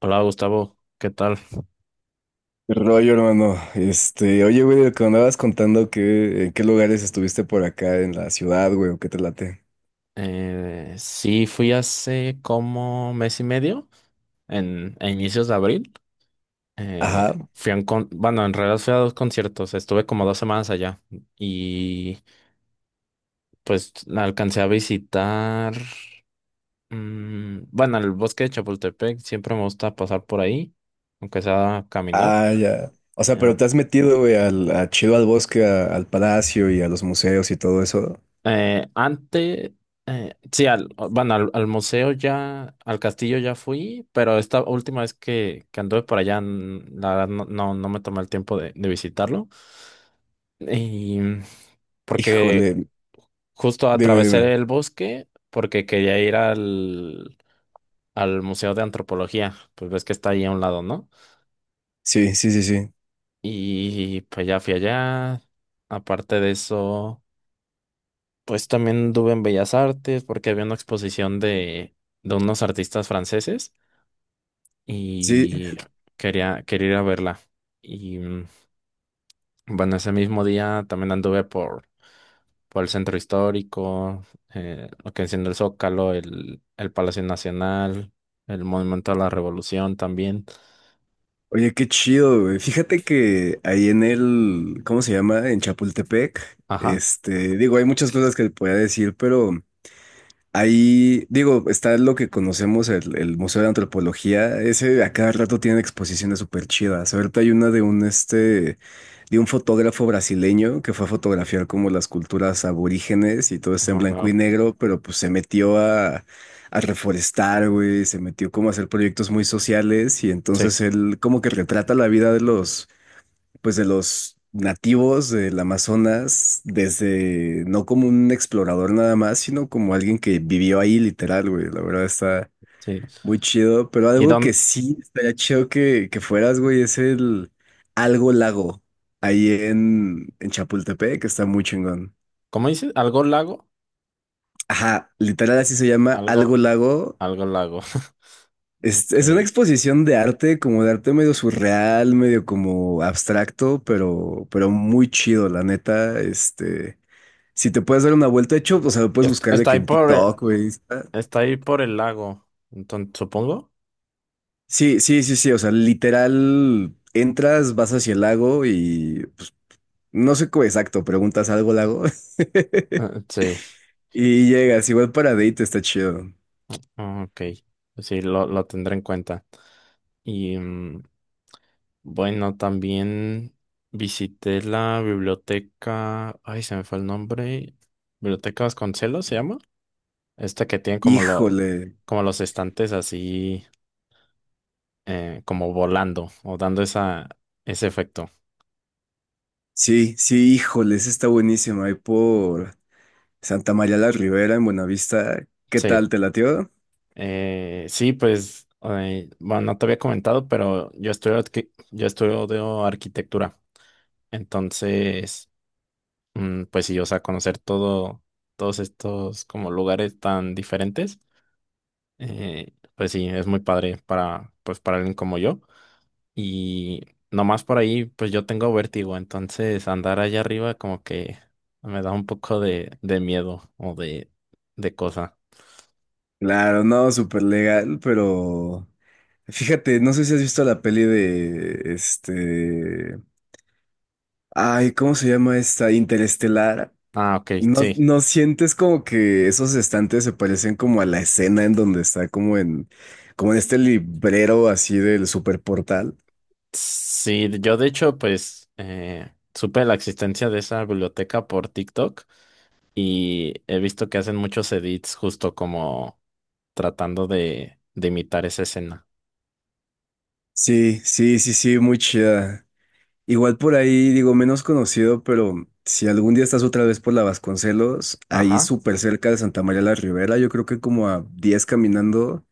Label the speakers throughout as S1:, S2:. S1: Hola Gustavo, ¿qué tal?
S2: ¿Qué rollo, hermano? Oye, güey, de lo que me andabas contando que en qué lugares estuviste por acá en la ciudad, güey, o qué te late.
S1: Sí, fui hace como mes y medio, a inicios de abril. Eh,
S2: Ajá.
S1: Fui a bueno, en realidad fui a dos conciertos, estuve como dos semanas allá y pues la alcancé a visitar, bueno, el bosque de Chapultepec, siempre me gusta pasar por ahí, aunque sea a caminar.
S2: Ah, ya. O sea,
S1: eh,
S2: pero te has metido, güey, a chido al bosque, al palacio y a los museos y todo eso.
S1: Eh, antes, sí, bueno, al museo ya, al castillo ya fui, pero esta última vez que anduve por allá, la verdad no me tomé el tiempo de visitarlo. Y porque
S2: Híjole,
S1: justo
S2: dime, dime.
S1: atravesé el bosque porque quería ir al Museo de Antropología, pues ves que está ahí a un lado, ¿no?
S2: Sí, sí, sí, sí.
S1: Y pues ya fui allá. Aparte de eso. Pues también anduve en Bellas Artes porque había una exposición de unos artistas franceses
S2: Sí.
S1: y quería ir a verla. Y mm, bueno, ese mismo día también anduve por el centro histórico, lo que enciende el Zócalo, el Palacio Nacional, el Monumento a la Revolución también.
S2: Oye, qué chido, güey. Fíjate que ahí en el, ¿cómo se llama? En Chapultepec.
S1: Ajá.
S2: Digo, hay muchas cosas que te podía decir, pero ahí, digo, está lo que conocemos, el Museo de Antropología. Ese a cada rato tiene exposiciones súper chidas. Ahorita hay una de un de un fotógrafo brasileño que fue a fotografiar como las culturas aborígenes y todo
S1: Oh,
S2: está en blanco
S1: wow.
S2: y negro, pero pues se metió a reforestar, güey, se metió como a hacer proyectos muy sociales y
S1: Sí,
S2: entonces él como que retrata la vida de los pues de los nativos del Amazonas, desde no como un explorador nada más, sino como alguien que vivió ahí literal, güey. La verdad está
S1: sí.
S2: muy chido, pero
S1: ¿Y
S2: algo que
S1: dónde?
S2: sí estaría chido que fueras, güey, es el Algo Lago, ahí en Chapultepec, que está muy chingón.
S1: ¿Cómo dices? ¿Algo lago?
S2: Ajá, literal así se llama Algo
S1: Algo,
S2: Lago.
S1: algo lago. Ok.
S2: Es una exposición de arte, como de arte medio surreal, medio como abstracto, pero muy chido, la neta. Si te puedes dar una vuelta, de hecho, o sea, lo puedes
S1: Est-
S2: buscar de
S1: Está
S2: que
S1: ahí
S2: en
S1: por, eh,
S2: TikTok, güey. Está-
S1: Está ahí por el lago, entonces, supongo.
S2: sí, sí, sí, sí, o sea, literal, entras, vas hacia el lago y no sé cómo exacto, preguntas algo al lago
S1: Ah, sí.
S2: y llegas, igual para date está chido.
S1: Ah, ok. Pues sí, lo tendré en cuenta. Y mm, bueno, también visité la biblioteca. Ay, se me fue el nombre. Biblioteca Vasconcelos se llama. Esta que tiene como
S2: Híjole,
S1: como los estantes así, como volando o dando ese efecto.
S2: sí, sí, híjole, esa está buenísima, ahí por Santa María la Ribera, en Buenavista, ¿qué
S1: Sí.
S2: tal, te latió?
S1: Bueno, no te había comentado, pero yo yo estudio arquitectura. Entonces, pues sí, o sea, conocer todo, todos estos como lugares tan diferentes, pues sí, es muy padre para, pues para alguien como yo. Y nomás por ahí, pues yo tengo vértigo, entonces andar allá arriba como que me da un poco de miedo o de cosa.
S2: Claro, no, súper legal, pero fíjate, no sé si has visto la peli de Ay, ¿cómo se llama esta? Interestelar.
S1: Ah, ok,
S2: ¿No,
S1: sí.
S2: no sientes como que esos estantes se parecen como a la escena en donde está como en, como en este librero así del superportal?
S1: Sí, yo de hecho, supe la existencia de esa biblioteca por TikTok. Y he visto que hacen muchos edits justo como tratando de imitar esa escena.
S2: Sí, sí, sí, sí, muy chida. Igual por ahí, digo, menos conocido, pero si algún día estás otra vez por la Vasconcelos, ahí
S1: Ajá.
S2: súper cerca de Santa María la Ribera, yo creo que como a 10 caminando.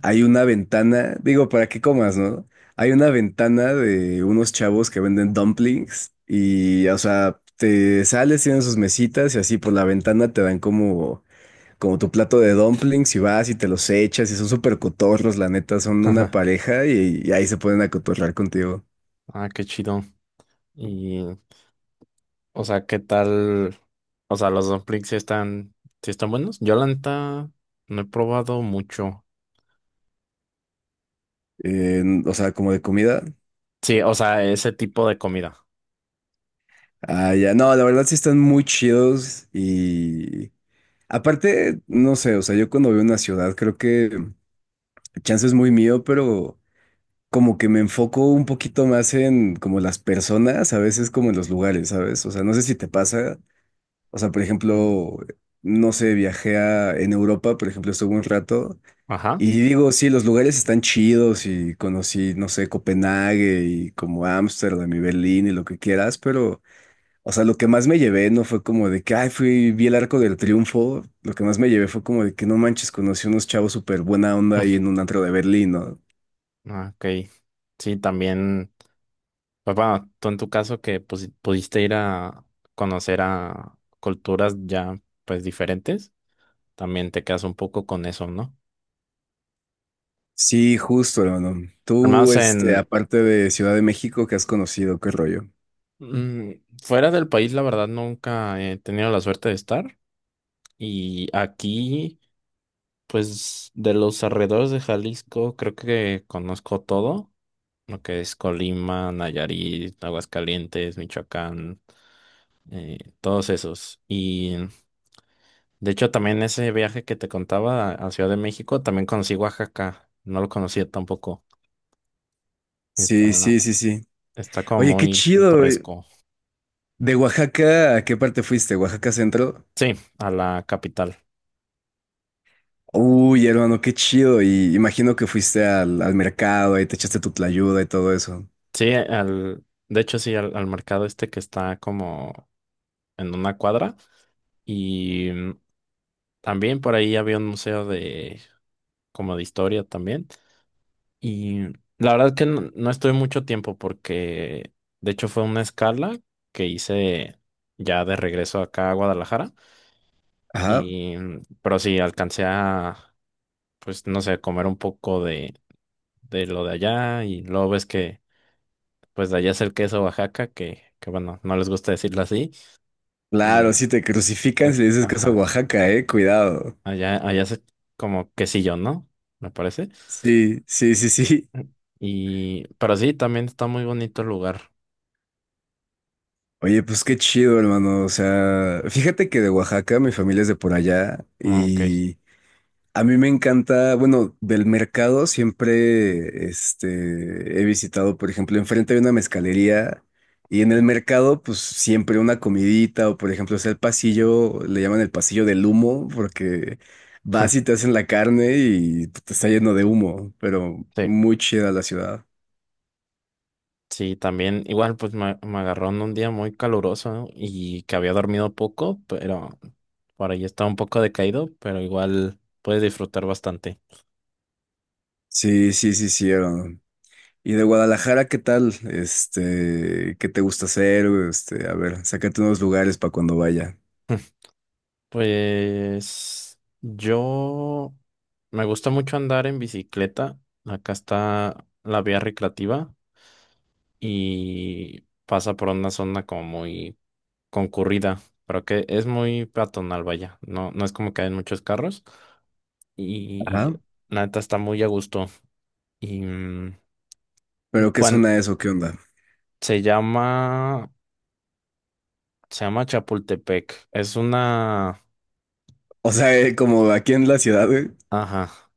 S2: Hay una ventana, digo, para que comas, ¿no? Hay una ventana de unos chavos que venden dumplings y, o sea, te sales, tienen sus mesitas y así por la ventana te dan como, como tu plato de dumplings y vas y te los echas y son súper cotorros, la neta, son una
S1: ajá.
S2: pareja y ahí se pueden acotorrar contigo.
S1: Ah, qué chido. Y, o sea, ¿qué tal? O sea, los dumplings sí están buenos. Yo la neta no he probado mucho.
S2: O sea, como de comida.
S1: Sí, o sea, ese tipo de comida.
S2: Ah, ya, no, la verdad sí están muy chidos y... Aparte, no sé, o sea, yo cuando veo una ciudad creo que chance es muy mío, pero como que me enfoco un poquito más en como las personas, a veces como en los lugares, ¿sabes? O sea, no sé si te pasa. O sea, por
S1: Ujú.
S2: ejemplo, no sé, viajé en Europa, por ejemplo, estuve un rato
S1: Ajá.
S2: y digo, sí, los lugares están chidos y conocí, no sé, Copenhague y como Ámsterdam y Berlín y lo que quieras, pero, o sea, lo que más me llevé no fue como de que, ay, fui, vi el Arco del Triunfo, lo que más me llevé fue como de que no manches, conocí unos chavos súper buena onda ahí en un antro de Berlín, ¿no?
S1: Mm, ah, ok. Sí, también. Pues bueno, tú en tu caso que pues, pudiste ir a conocer a culturas ya pues diferentes, también te quedas un poco con eso, ¿no?
S2: Sí, justo, hermano.
S1: Al
S2: Tú,
S1: menos en,
S2: aparte de Ciudad de México, ¿que has conocido? ¿Qué rollo?
S1: Mm, Fuera del país, la verdad, nunca he tenido la suerte de estar. Y aquí, pues, de los alrededores de Jalisco, creo que conozco todo, lo que es Colima, Nayarit, Aguascalientes, Michoacán, todos esos. Y de hecho, también ese viaje que te contaba a Ciudad de México, también conocí Oaxaca. No lo conocía tampoco. Está,
S2: Sí, sí, sí, sí.
S1: Está como
S2: Oye, qué
S1: muy
S2: chido.
S1: pintoresco.
S2: ¿De Oaxaca a qué parte fuiste? ¿Oaxaca Centro?
S1: Sí, a la capital.
S2: Uy, hermano, qué chido. Y imagino que fuiste al mercado, ahí te echaste tu tlayuda y todo eso.
S1: Sí, de hecho sí, al mercado este que está como en una cuadra y mm, también por ahí había un museo de como de historia también y la verdad que no, no estuve mucho tiempo porque de hecho fue una escala que hice ya de regreso acá a Guadalajara
S2: Ajá.
S1: pero sí alcancé a pues no sé comer un poco de lo de allá y luego ves que pues de allá es el queso Oaxaca que bueno no les gusta decirlo así.
S2: Claro,
S1: Y
S2: si te crucifican
S1: eh,
S2: si le dices que es a
S1: ajá.
S2: Oaxaca, cuidado.
S1: Allá es como quesillo, ¿no? Me parece.
S2: Sí, sí, sí, sí.
S1: Mm. Y, pero sí, también está muy bonito el lugar.
S2: Oye, pues qué chido, hermano. O sea, fíjate que de Oaxaca, mi familia es de por allá.
S1: Ah, ok.
S2: Y a mí me encanta, bueno, del mercado siempre he visitado, por ejemplo, enfrente hay una mezcalería y en el mercado, pues siempre una comidita o, por ejemplo, es el pasillo, le llaman el pasillo del humo porque vas y te hacen la carne y te está lleno de humo, pero
S1: Sí.
S2: muy chida la ciudad.
S1: Sí, también, igual, pues me agarró en un día muy caluroso, ¿no? Y que había dormido poco, pero por ahí estaba un poco decaído, pero igual puedes disfrutar bastante.
S2: Sí, sí, sí, sí, hermano. Y de Guadalajara, ¿qué tal? ¿Qué te gusta hacer? Este, a ver, sácate unos lugares para cuando vaya.
S1: Pues yo me gusta mucho andar en bicicleta. Acá está la vía recreativa y pasa por una zona como muy concurrida, pero que es muy peatonal, vaya. No, no es como que hay muchos carros y
S2: Ajá.
S1: la neta está muy a gusto. Y mm,
S2: ¿Pero qué
S1: bueno,
S2: zona es o qué onda?
S1: se llama, Se llama Chapultepec. Es una,
S2: O sea, como aquí en la ciudad, güey.
S1: ajá,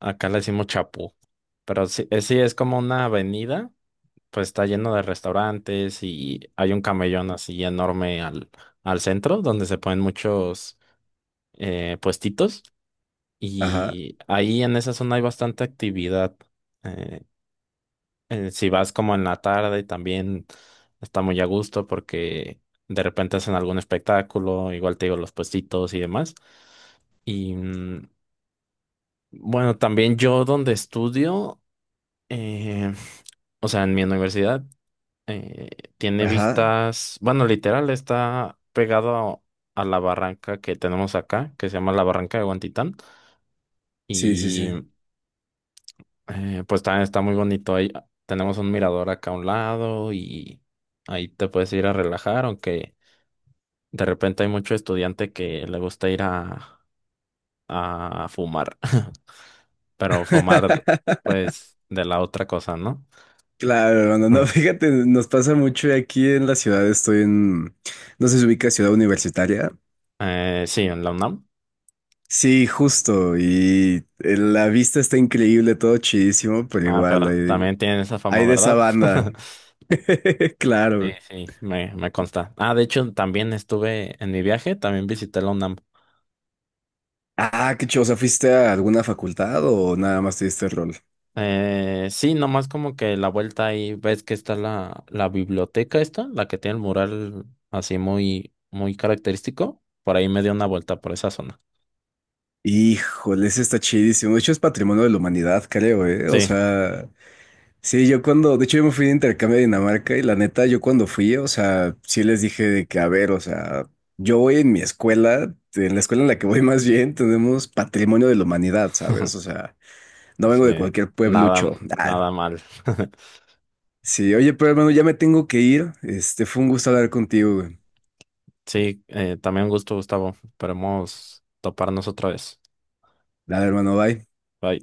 S1: acá le decimos Chapu, pero sí, sí es como una avenida. Pues está lleno de restaurantes y hay un camellón así enorme al centro donde se ponen muchos puestitos.
S2: Ajá.
S1: Y ahí en esa zona hay bastante actividad. Eh, si vas como en la tarde, también está muy a gusto porque de repente hacen algún espectáculo, igual te digo los puestitos y demás. Y mm, bueno, también yo donde estudio, eh, o sea, en mi universidad, eh, tiene
S2: Ajá.
S1: vistas, bueno, literal está pegado a la barranca que tenemos acá, que se llama la Barranca de Guantitán.
S2: Sí, sí, sí.
S1: Y eh, pues también está muy bonito. Ahí tenemos un mirador acá a un lado y ahí te puedes ir a relajar, aunque de repente hay mucho estudiante que le gusta ir a fumar, pero fumar pues de la otra cosa, ¿no?
S2: Claro, hermano. No, fíjate, nos pasa mucho aquí en la ciudad. Estoy en, no sé si ubica Ciudad Universitaria.
S1: Sí, en la UNAM.
S2: Sí, justo. Y la vista está increíble, todo chidísimo, pero
S1: Ah,
S2: igual
S1: pero
S2: hay,
S1: también tienen esa fama,
S2: hay de esa
S1: ¿verdad?
S2: banda.
S1: Sí,
S2: Claro.
S1: sí, me consta. Ah, de hecho, también estuve en mi viaje, también visité la UNAM.
S2: Ah, qué chido. O sea, ¿fuiste a alguna facultad o nada más te diste el rol?
S1: Sí, nomás como que la vuelta ahí ves que está la biblioteca esta, la que tiene el mural así muy, muy característico. Por ahí me dio una vuelta por esa zona.
S2: Híjole, ese está chidísimo. De hecho, es patrimonio de la humanidad, creo, ¿eh? O
S1: Sí,
S2: sea. Sí, yo cuando, de hecho yo me fui de intercambio a Dinamarca y la neta, yo cuando fui, o sea, sí les dije de que, a ver, o sea, yo voy en mi escuela en la que voy más bien, tenemos patrimonio de la humanidad, ¿sabes? O sea, no vengo
S1: sí,
S2: de cualquier
S1: nada,
S2: pueblucho. Ah,
S1: nada mal.
S2: sí, oye, pero hermano, ya me tengo que ir. Fue un gusto hablar contigo, güey.
S1: Sí, también un gusto, Gustavo. Esperemos toparnos otra vez.
S2: Dale, hermano, bye.
S1: Bye.